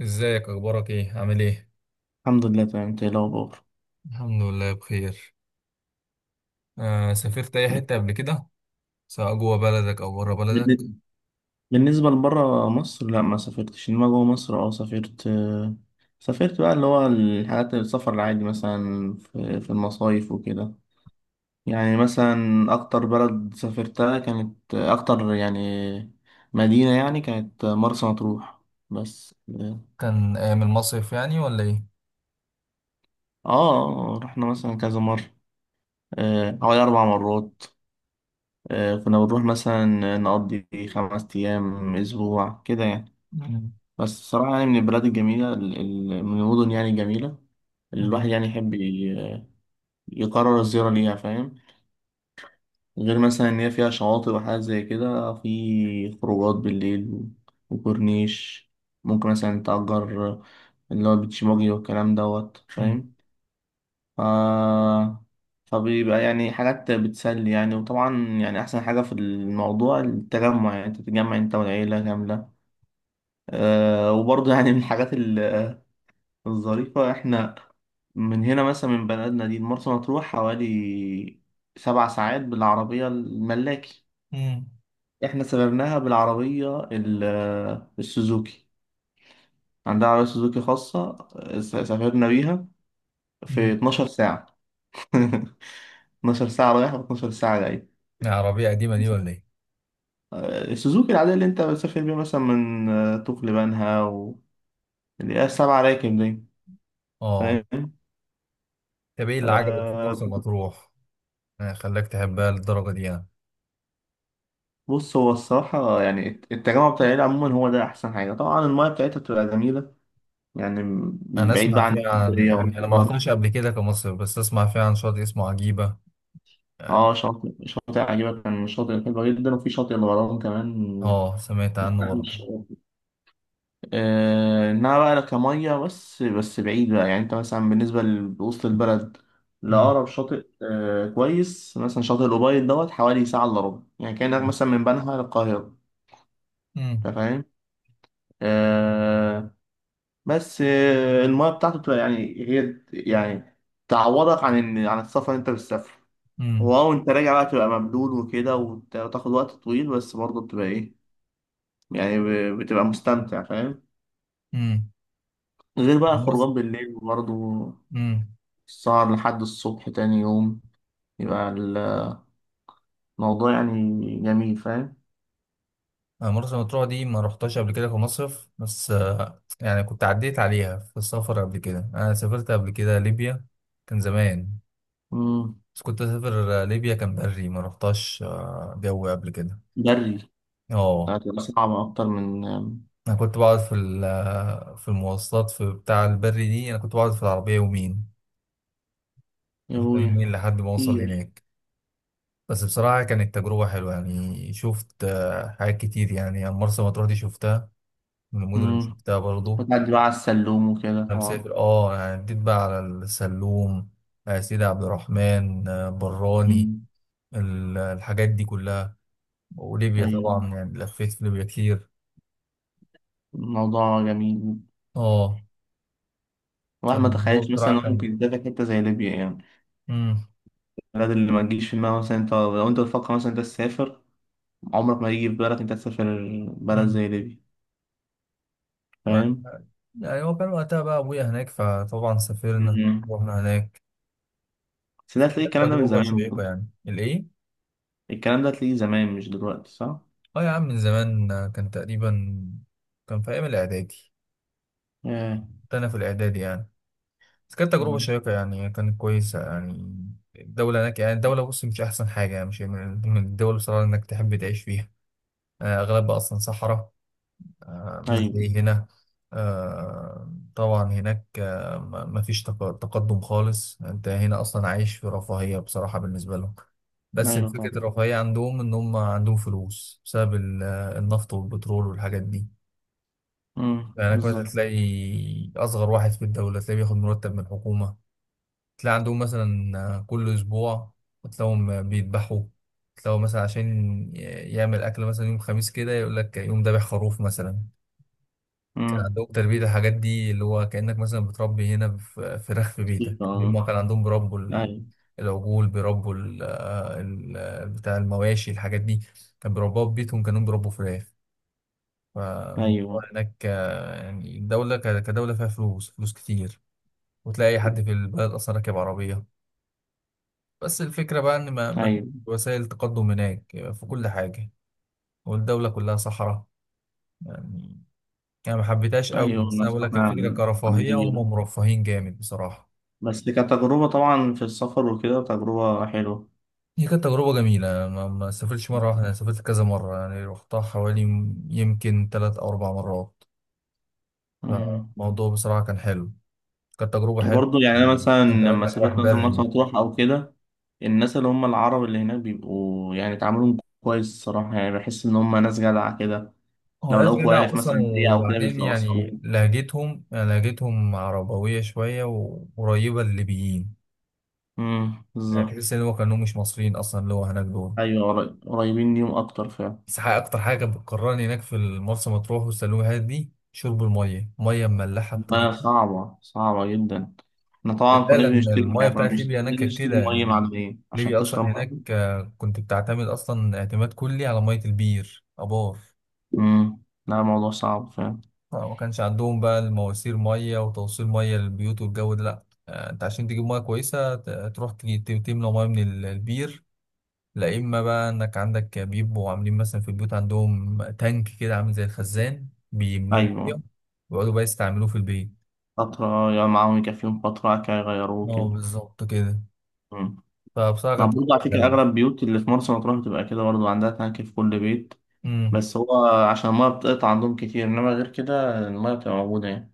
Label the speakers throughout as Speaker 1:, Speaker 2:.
Speaker 1: ازيك؟ اخبارك ايه؟ عامل ايه؟
Speaker 2: الحمد لله تمام، انت ايه الاخبار؟
Speaker 1: الحمد لله بخير. آه، سافرت أي حتة قبل كده؟ سواء جوه بلدك أو بره بلدك؟
Speaker 2: بالن- بالنسبه لبره مصر لا ما سافرتش، انما جوه مصر سافرت. سافرت بقى اللي هو الحاجات، السفر العادي، مثلا في المصايف وكده. يعني مثلا اكتر بلد سافرتها كانت اكتر، يعني مدينه يعني، كانت مرسى مطروح. بس
Speaker 1: كان أيام المصيف يعني ولا إيه؟
Speaker 2: آه، رحنا مثلا كذا مره. آه، حوالي اربع مرات. آه، كنا بنروح مثلا نقضي خمس ايام اسبوع كده يعني.
Speaker 1: مم.
Speaker 2: بس الصراحة يعني من البلاد الجميلة، من المدن يعني الجميلة، اللي الواحد
Speaker 1: مم.
Speaker 2: يعني يحب يقرر الزيارة ليها، فاهم؟ غير مثلا إن هي فيها شواطئ وحاجات زي كده، في خروجات بالليل وكورنيش، ممكن مثلا تأجر اللي هو بيتش باجي والكلام دوت،
Speaker 1: مم.
Speaker 2: فاهم؟ ف... فبيبقى يعني حاجات بتسلي يعني. وطبعا يعني أحسن حاجة في الموضوع التجمع، يعني أنت تتجمع أنت والعيلة كاملة. وبرضه يعني من الحاجات الظريفة، إحنا من هنا مثلا من بلدنا دي مرسى مطروح حوالي سبع ساعات بالعربية الملاكي.
Speaker 1: مم.
Speaker 2: احنا سافرناها بالعربية السوزوكي، عندها عربية سوزوكي خاصة، سافرنا بيها في
Speaker 1: مم.
Speaker 2: 12 ساعة. 12 ساعة رايح و12 ساعة جاي.
Speaker 1: يا عربية قديمة دي ولا ايه؟
Speaker 2: آه، السوزوكي العادية اللي انت بتسافر بيها مثلا من طوق لبنها، و اللي هي السبعة راكب دي،
Speaker 1: آه.
Speaker 2: فاهم؟
Speaker 1: طب ايه اللي عجبك في
Speaker 2: آه،
Speaker 1: مرسى مطروح؟ آه، خلاك تحبها للدرجة دي يعني؟
Speaker 2: بص هو الصراحة يعني التجمع بتاع العيلة عموما هو ده أحسن حاجة. طبعا المايه بتاعتها بتبقى جميلة يعني،
Speaker 1: انا
Speaker 2: بعيد
Speaker 1: اسمع
Speaker 2: بقى عن
Speaker 1: فيها عن
Speaker 2: اسكندرية وراس
Speaker 1: يعني انا ما
Speaker 2: البر.
Speaker 1: رحتش قبل كده كمصيف، بس اسمع فيها عن شاطئ اسمه عجيبة يعني.
Speaker 2: اه، شاطئ شاطئ عجيبة كان شاطئ حلوة جدا، وفي شاطئ الغرام كمان،
Speaker 1: آه، سمعت
Speaker 2: من
Speaker 1: عنه
Speaker 2: أحلى
Speaker 1: برضه.
Speaker 2: الشواطئ. آه، إنها بقى كمية، بس بعيد بقى. يعني أنت مثلا بالنسبة لوسط البلد،
Speaker 1: مم.
Speaker 2: لأقرب شاطئ كويس مثلا شاطئ الأوبايد دوت، حوالي ساعة إلا ربع، يعني كأنك
Speaker 1: مم.
Speaker 2: مثلا من بنها للقاهرة.
Speaker 1: مم.
Speaker 2: أنت فاهم؟ آه بس المياه بتاعته بتبقى يعني، هي يعني تعوضك عن عن السفر اللي أنت بتسافره.
Speaker 1: مم.
Speaker 2: واو، انت راجع بقى تبقى مبلول وكده، وتاخد وقت طويل، بس برضه بتبقى ايه يعني، بتبقى مستمتع، فاهم؟
Speaker 1: مم.
Speaker 2: غير بقى
Speaker 1: بس.
Speaker 2: خروجات بالليل وبرضه
Speaker 1: مم.
Speaker 2: السهر لحد الصبح تاني يوم. يبقى الموضوع يعني جميل، فاهم؟
Speaker 1: أنا مرسى مطروح دي ما رحتهاش قبل كده في مصيف، بس يعني كنت عديت عليها في السفر قبل كده. أنا سافرت قبل كده ليبيا، كان زمان.
Speaker 2: مم.
Speaker 1: بس كنت أسافر ليبيا، كان بري ما رحتهاش جو قبل كده.
Speaker 2: جري.
Speaker 1: اه.
Speaker 2: هتبقى صعبة أكتر من.
Speaker 1: أنا كنت بقعد في في المواصلات في بتاع البري دي. أنا كنت بقعد في العربية يومين،
Speaker 2: يا أبويا.
Speaker 1: يومين لحد ما أوصل
Speaker 2: كتير.
Speaker 1: هناك. بس بصراحة كانت تجربة حلوة يعني. شفت حاجات كتير يعني. مرسى مطروح دي شفتها من المدن اللي
Speaker 2: مم.
Speaker 1: شفتها برضو.
Speaker 2: وتعدي بقى على السلوم وكده
Speaker 1: انا
Speaker 2: طبعا.
Speaker 1: مسافر اه، يعني جيت بقى على السلوم، سيدي عبد الرحمن، براني،
Speaker 2: مم.
Speaker 1: الحاجات دي كلها. وليبيا طبعا
Speaker 2: أيوة،
Speaker 1: يعني لفيت في ليبيا كتير.
Speaker 2: الموضوع جميل.
Speaker 1: اه،
Speaker 2: الواحد ما
Speaker 1: فالموضوع
Speaker 2: تخيلش مثلا
Speaker 1: بصراحة
Speaker 2: إنه
Speaker 1: كان.
Speaker 2: ممكن يسافر حتة زي ليبيا يعني،
Speaker 1: امم
Speaker 2: البلد اللي ما تجيش في دماغك. مثلا انت لو انت بتفكر مثلا انت تسافر، عمرك ما يجي في بالك انت تسافر بلد
Speaker 1: امم
Speaker 2: زي ليبيا.
Speaker 1: ف-
Speaker 2: فاهم؟
Speaker 1: يعني هو كان وقتها بقى ابويا هناك فطبعا سافرنا،
Speaker 2: مم.
Speaker 1: رحنا هناك.
Speaker 2: بس ده
Speaker 1: بس
Speaker 2: هتلاقي
Speaker 1: كانت
Speaker 2: الكلام ده من
Speaker 1: تجربة
Speaker 2: زمان
Speaker 1: شيقة
Speaker 2: برضه.
Speaker 1: يعني الايه.
Speaker 2: الكلام ده هتلاقيه زمان مش دلوقتي، صح؟
Speaker 1: اه يا عم، من زمان، كان تقريبا كان في ايام الاعدادي،
Speaker 2: آه.
Speaker 1: كنت انا في الاعدادي يعني. بس كانت تجربة
Speaker 2: مم.
Speaker 1: شيقة يعني، كانت كويسة يعني. الدولة هناك يعني الدولة بص مش أحسن حاجة يعني، مش من ضمن الدول بصراحة إنك تحب تعيش فيها. آه، أغلبها أصلا صحراء. آه، مش زي
Speaker 2: ايوه.
Speaker 1: هنا. آه، طبعا هناك ما فيش تقدم خالص. أنت هنا أصلا عايش في رفاهية بصراحة بالنسبة لهم. بس
Speaker 2: ايوه طبعا.
Speaker 1: الفكرة الرفاهية عندهم إن هم عندهم فلوس بسبب النفط والبترول والحاجات دي.
Speaker 2: مم.
Speaker 1: يعني هناك مثلا
Speaker 2: بالظبط.
Speaker 1: تلاقي أصغر واحد في الدولة تلاقيه بياخد مرتب من الحكومة. تلاقي عندهم مثلا كل أسبوع تلاقيهم بيذبحوا. تلاقوا مثلا عشان يعمل أكل مثلا يوم خميس كده، يقول لك يوم ذابح خروف مثلا. كان
Speaker 2: مم.
Speaker 1: عندهم تربية الحاجات دي اللي هو كأنك مثلا بتربي هنا فراخ في
Speaker 2: أكيد،
Speaker 1: بيتك.
Speaker 2: آه.
Speaker 1: هما كان عندهم بيربوا
Speaker 2: ايوه،
Speaker 1: العجول، بيربوا بتاع المواشي الحاجات دي، كان بيربوها في بيتهم، كانوا بيربوا فراخ.
Speaker 2: ايوه،
Speaker 1: فالموضوع هناك يعني الدولة كدولة فيها فلوس فلوس كتير. وتلاقي أي حد في البلد أصلا راكب عربية. بس الفكرة بقى إن ما فيش
Speaker 2: ايوه،
Speaker 1: وسائل تقدم هناك في كل حاجة، والدولة كلها صحراء يعني. أنا ما حبيتهاش قوي،
Speaker 2: ايوه
Speaker 1: بس
Speaker 2: انا
Speaker 1: أنا بقول
Speaker 2: سمعت
Speaker 1: لك الفكرة
Speaker 2: عن
Speaker 1: كرفاهية
Speaker 2: ليبيا،
Speaker 1: هم مرفهين جامد بصراحة.
Speaker 2: بس كتجربة طبعا في السفر وكده تجربة حلوة.
Speaker 1: هي كانت تجربة جميلة، أنا ما سافرتش مرة واحدة، أنا سافرت كذا مرة يعني. رحتها حوالي يمكن 3 أو 4 مرات.
Speaker 2: مم.
Speaker 1: فالموضوع بصراحة كان حلو، كانت تجربة حلوة.
Speaker 2: وبرضه يعني أنا مثلا
Speaker 1: وكمان
Speaker 2: لما
Speaker 1: إنك
Speaker 2: سافرت
Speaker 1: رايح
Speaker 2: مثلا مرسى
Speaker 1: بري.
Speaker 2: مطروح أو كده، الناس اللي هم العرب اللي هناك بيبقوا يعني تعاملهم كويس الصراحة، يعني بحس إن هم ناس جدعة كده.
Speaker 1: هو
Speaker 2: لو
Speaker 1: ناس
Speaker 2: لقوك
Speaker 1: جدع
Speaker 2: واقف
Speaker 1: أصلا،
Speaker 2: مثلا سريع أو كده
Speaker 1: وبعدين يعني
Speaker 2: بيتوصلوك.
Speaker 1: لهجتهم، يعني لهجتهم عربوية شوية وقريبة للليبيين.
Speaker 2: امم،
Speaker 1: يعني
Speaker 2: بالظبط.
Speaker 1: تحس ان هو كانوا مش مصريين اصلا اللي هو هناك دول.
Speaker 2: أيوة، قريبين ليهم أكتر فعلا.
Speaker 1: بس اكتر حاجه بتكرهني هناك في مرسى مطروح والسلوميهات دي شرب الميه، ميه مملحه
Speaker 2: ما
Speaker 1: بطريقه.
Speaker 2: صعبة، صعبة جدا. احنا
Speaker 1: ده
Speaker 2: طبعا كناش
Speaker 1: فعلا
Speaker 2: بنشتري،
Speaker 1: الميه
Speaker 2: يعني كنا
Speaker 1: بتاعت
Speaker 2: بنشتري
Speaker 1: ليبيا هناك كانت
Speaker 2: بنشتري
Speaker 1: كده
Speaker 2: مية
Speaker 1: يعني.
Speaker 2: معدنية عشان
Speaker 1: ليبيا اصلا
Speaker 2: تشرب مية.
Speaker 1: هناك كنت بتعتمد اصلا اعتماد كلي على ميه البير ابار.
Speaker 2: امم. لا الموضوع صعب فعلا.
Speaker 1: ما كانش عندهم بقى المواسير ميه وتوصيل ميه للبيوت والجو ده لا. انت عشان تجيب ميه كويسه تملى ميه من البير. لا، اما بقى انك عندك بيبقوا عاملين مثلا في البيوت عندهم تانك كده عامل زي الخزان بيملوه ميه،
Speaker 2: أيوة.
Speaker 1: ويقعدوا بقى يستعملوه في البيت.
Speaker 2: فترة يعني معاهم، يكفيهم فترة بعد كده يغيروه
Speaker 1: اه،
Speaker 2: كده.
Speaker 1: بالظبط كده.
Speaker 2: امم.
Speaker 1: فبصراحه
Speaker 2: طب
Speaker 1: كانت
Speaker 2: برضه
Speaker 1: تجربه
Speaker 2: على فكرة
Speaker 1: حلوه.
Speaker 2: أغلب البيوت اللي في مرسى مطروح بتبقى كده برضه، عندها تانك في كل بيت.
Speaker 1: امم.
Speaker 2: بس هو عشان المية بتقطع عندهم كتير، إنما غير كده المية بتبقى موجودة يعني.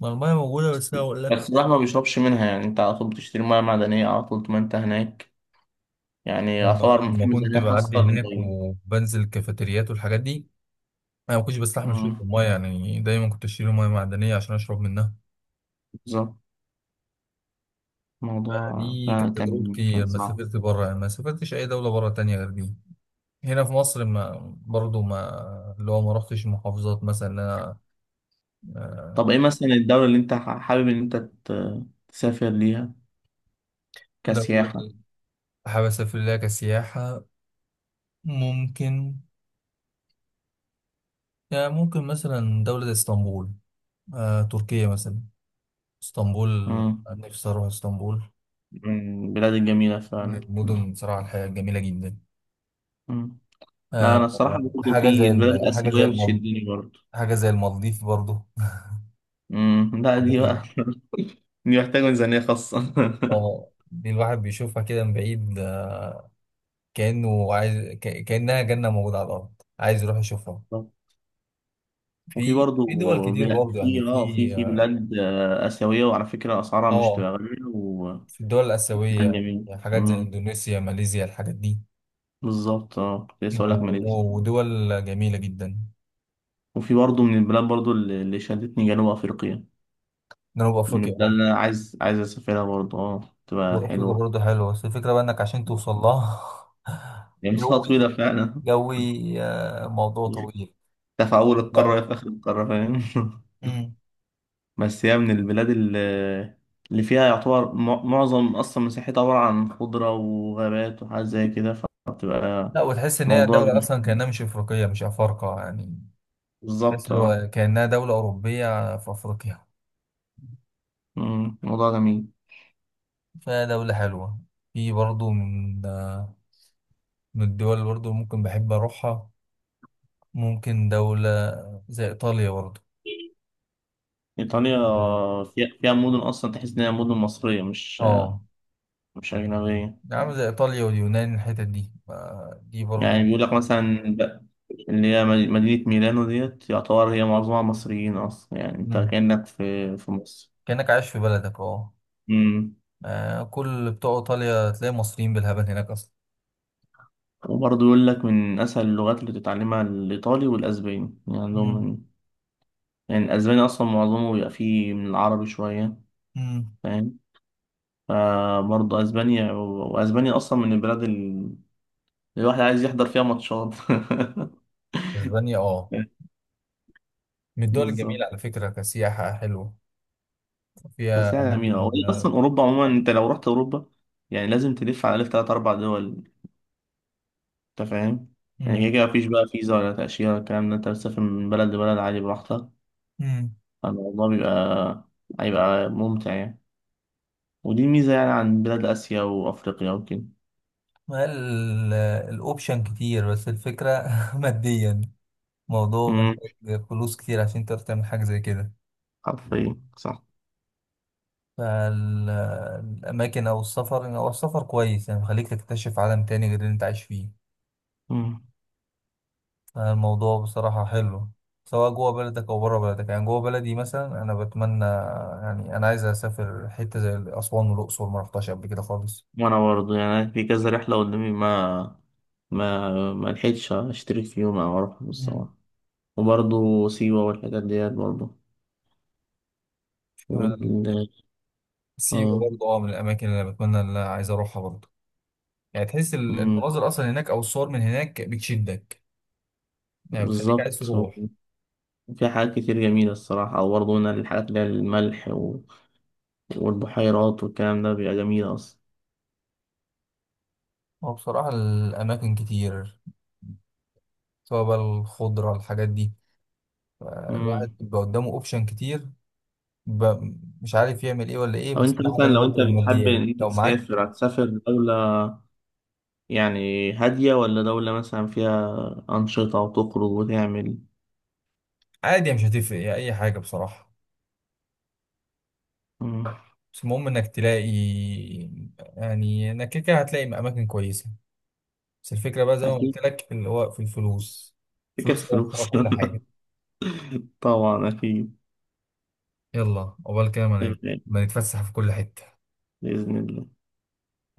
Speaker 1: ما الميه موجوده، بس انا اقول لك
Speaker 2: بس الواحد ما بيشربش منها، يعني أنت على طول بتشتري مية معدنية على طول ما أنت هناك. يعني يعتبر
Speaker 1: لما
Speaker 2: في
Speaker 1: كنت
Speaker 2: ميزانية خاصة
Speaker 1: بعدي هناك
Speaker 2: للمية.
Speaker 1: وبنزل الكافيتريات والحاجات دي، انا ما كنتش بستحمل شويه
Speaker 2: أمم،
Speaker 1: الميه يعني، دايما كنت اشتري ميه معدنيه عشان اشرب منها.
Speaker 2: بالظبط. الموضوع
Speaker 1: دي
Speaker 2: فعلا
Speaker 1: كانت
Speaker 2: كان
Speaker 1: تجربتي
Speaker 2: كان
Speaker 1: لما
Speaker 2: صعب.
Speaker 1: سافرت بره يعني. ما سافرتش اي دوله بره تانية غير دي. هنا في مصر ما برضو ما اللي هو ما رحتش المحافظات مثلا إن انا.
Speaker 2: طب
Speaker 1: آه،
Speaker 2: إيه مثلا الدولة اللي أنت حابب إن أنت تسافر ليها
Speaker 1: دولة
Speaker 2: كسياحة؟
Speaker 1: حابب اسافر لها كسياحة. ممكن، يعني ممكن مثلا دولة زي اسطنبول، تركيا مثلا. اسطنبول
Speaker 2: أمم،
Speaker 1: نفسي اروح اسطنبول.
Speaker 2: من البلاد الجميلة
Speaker 1: من
Speaker 2: فعلا. أمم.
Speaker 1: المدن بصراحة، الحياة جميلة جدا.
Speaker 2: أمم. لا
Speaker 1: آه،
Speaker 2: أنا الصراحة
Speaker 1: آه،
Speaker 2: برضه
Speaker 1: حاجة
Speaker 2: في
Speaker 1: زي
Speaker 2: البلاد
Speaker 1: ال- حاجة زي
Speaker 2: الآسيوية
Speaker 1: المال
Speaker 2: بتشدني برضه.
Speaker 1: حاجة زي المالديف برضو
Speaker 2: أمم، لا
Speaker 1: حاجة
Speaker 2: دي
Speaker 1: كده.
Speaker 2: بقى دي محتاجة ميزانية خاصة.
Speaker 1: اه، دي الواحد بيشوفها كده من بعيد، كأنه عايز كأنها جنة موجودة على الأرض، عايز يروح يشوفها.
Speaker 2: وفي
Speaker 1: في
Speaker 2: برضه
Speaker 1: في دول كتير برضه
Speaker 2: في
Speaker 1: يعني.
Speaker 2: اه
Speaker 1: في
Speaker 2: في في بلاد آسيوية، وعلى فكرة أسعارها مش
Speaker 1: اه،
Speaker 2: تبقى غالية، وكان
Speaker 1: في الدول الآسيوية
Speaker 2: جميل.
Speaker 1: يعني حاجات
Speaker 2: مم.
Speaker 1: زي إندونيسيا ماليزيا الحاجات دي.
Speaker 2: بالظبط، كنت لسه أقول لك ماليزيا.
Speaker 1: ودول جميلة جدا.
Speaker 2: وفي برضه من البلاد برضه اللي شدتني جنوب أفريقيا،
Speaker 1: جنوب
Speaker 2: من
Speaker 1: أفريقيا
Speaker 2: البلاد
Speaker 1: اه.
Speaker 2: اللي أنا عايز أسافرها برضه، تبقى
Speaker 1: جنوب أفريقيا
Speaker 2: حلوة.
Speaker 1: برضه حلوة، بس الفكرة بقى إنك عشان توصل لها
Speaker 2: يعني مسافة
Speaker 1: جوي.
Speaker 2: طويلة فعلا.
Speaker 1: جوي، موضوع
Speaker 2: انت
Speaker 1: طويل.
Speaker 2: في أول القارة
Speaker 1: لا.
Speaker 2: يا في آخر القارة، فاهم؟
Speaker 1: مم.
Speaker 2: بس هي من البلاد اللي فيها يعتبر معظم أصلا مساحتها عبارة عن خضرة وغابات وحاجات زي كده، فبتبقى
Speaker 1: لا، وتحس إن هي
Speaker 2: موضوع
Speaker 1: دولة أصلا
Speaker 2: جميل.
Speaker 1: كأنها مش أفريقية، مش أفارقة يعني. تحس
Speaker 2: بالظبط،
Speaker 1: هو كأنها دولة أوروبية في أفريقيا.
Speaker 2: مم، موضوع جميل.
Speaker 1: فدولة حلوة. في برضه من من الدول برضو ممكن بحب أروحها. ممكن دولة زي إيطاليا برضو.
Speaker 2: إيطاليا فيها مدن أصلا تحس إنها مدن مصرية، مش
Speaker 1: اه،
Speaker 2: مش أجنبية.
Speaker 1: نعم، زي إيطاليا واليونان الحتت دي، دي
Speaker 2: يعني
Speaker 1: برضو.
Speaker 2: بيقول لك مثلا اللي هي مدينة ميلانو ديت يعتبر هي معظمها مصريين أصلا، يعني أنت
Speaker 1: مم.
Speaker 2: كأنك في
Speaker 1: كأنك عايش في بلدك، اه.
Speaker 2: مصر.
Speaker 1: كل بتوع إيطاليا تلاقي مصريين بالهبل هناك أصلا.
Speaker 2: وبرضه يقول لك من أسهل اللغات اللي تتعلمها الإيطالي والأسباني، يعني عندهم
Speaker 1: مم.
Speaker 2: يعني الأسباني أصلا معظمه بيبقى فيه من العربي شوية،
Speaker 1: مم.
Speaker 2: فاهم؟ فبرضه أسبانيا، وأسبانيا أصلا من البلاد الواحد عايز يحضر فيها ماتشات.
Speaker 1: إسبانيا اه. من الدول
Speaker 2: بالظبط.
Speaker 1: الجميلة على فكرة، كسياحة حلوة.
Speaker 2: بس
Speaker 1: فيها
Speaker 2: يعني جميلة، هو
Speaker 1: مدن
Speaker 2: إيه أصلا أوروبا عموما؟ أنت لو رحت أوروبا يعني لازم تلف على ألف تلات أربع دول، أنت فاهم؟ يعني كده
Speaker 1: مم.
Speaker 2: كده مفيش بقى فيزا ولا تأشيرة الكلام ده، أنت بتسافر من بلد لبلد عادي براحتك،
Speaker 1: مم.
Speaker 2: فالموضوع بيبقى هيبقى ممتع يعني. ودي ميزة يعني عن بلاد آسيا وأفريقيا وكده.
Speaker 1: ال- الأوبشن كتير، بس الفكرة ماديا. موضوع
Speaker 2: امم.
Speaker 1: محتاج فلوس كتير عشان تقدر تعمل حاجة زي كده.
Speaker 2: حرفيا صح.
Speaker 1: فالأماكن أو السفر أو السفر كويس يعني بيخليك تكتشف عالم تاني غير اللي أنت عايش فيه.
Speaker 2: امم.
Speaker 1: فالموضوع بصراحة حلو. سواء جوه بلدك أو بره بلدك. يعني جوه بلدي مثلا أنا بتمنى، يعني أنا عايز أسافر حتة زي أسوان والأقصر ما رحتهاش قبل كده خالص.
Speaker 2: وأنا برضه يعني في كذا رحلة قدامي ما لحقتش أشترك فيهم أو أروح
Speaker 1: مم.
Speaker 2: بصراحة. وبرضه سيوة والحاجات ديت برضه. وال
Speaker 1: سيوة
Speaker 2: آه.
Speaker 1: برضه اه من الأماكن اللي أنا بتمنى، اللي أنا عايز أروحها برضه. يعني تحس
Speaker 2: أمم،
Speaker 1: المناظر أصلا هناك أو الصور من هناك بتشدك، يعني بتخليك عايز
Speaker 2: بالظبط.
Speaker 1: تروح.
Speaker 2: في حاجات كتير جميلة الصراحة، أو برضه هنا الحاجات اللي هي الملح والبحيرات والكلام ده بيبقى جميل أصلا.
Speaker 1: هو بصراحة الأماكن كتير، سواء بقى الخضرة الحاجات دي، الواحد
Speaker 2: امم.
Speaker 1: بيبقى قدامه أوبشن كتير، مش عارف يعمل إيه ولا إيه.
Speaker 2: طب
Speaker 1: بس
Speaker 2: أنت
Speaker 1: الناحية
Speaker 2: مثلا
Speaker 1: التانية
Speaker 2: لو أنت
Speaker 1: برضه
Speaker 2: بتحب إن
Speaker 1: الماديات
Speaker 2: أنت
Speaker 1: لو معاك.
Speaker 2: تسافر، هتسافر دولة يعني هادية، ولا دولة مثلا فيها أنشطة وتخرج وتعمل؟
Speaker 1: عادي مش هتفرق يعني أي حاجة بصراحة.
Speaker 2: مم.
Speaker 1: بس المهم إنك تلاقي، يعني إنك كده كده هتلاقي أماكن كويسة. بس الفكرة بقى زي ما قلت
Speaker 2: أكيد.
Speaker 1: لك اللي هو في الفلوس.
Speaker 2: تكفي
Speaker 1: الفلوس اللي
Speaker 2: فلوس.
Speaker 1: هتخرج كل حاجة.
Speaker 2: طبعا أكيد.
Speaker 1: يلا، عقبال كده
Speaker 2: تمام.
Speaker 1: ما نتفسح في كل حتة.
Speaker 2: بإذن الله.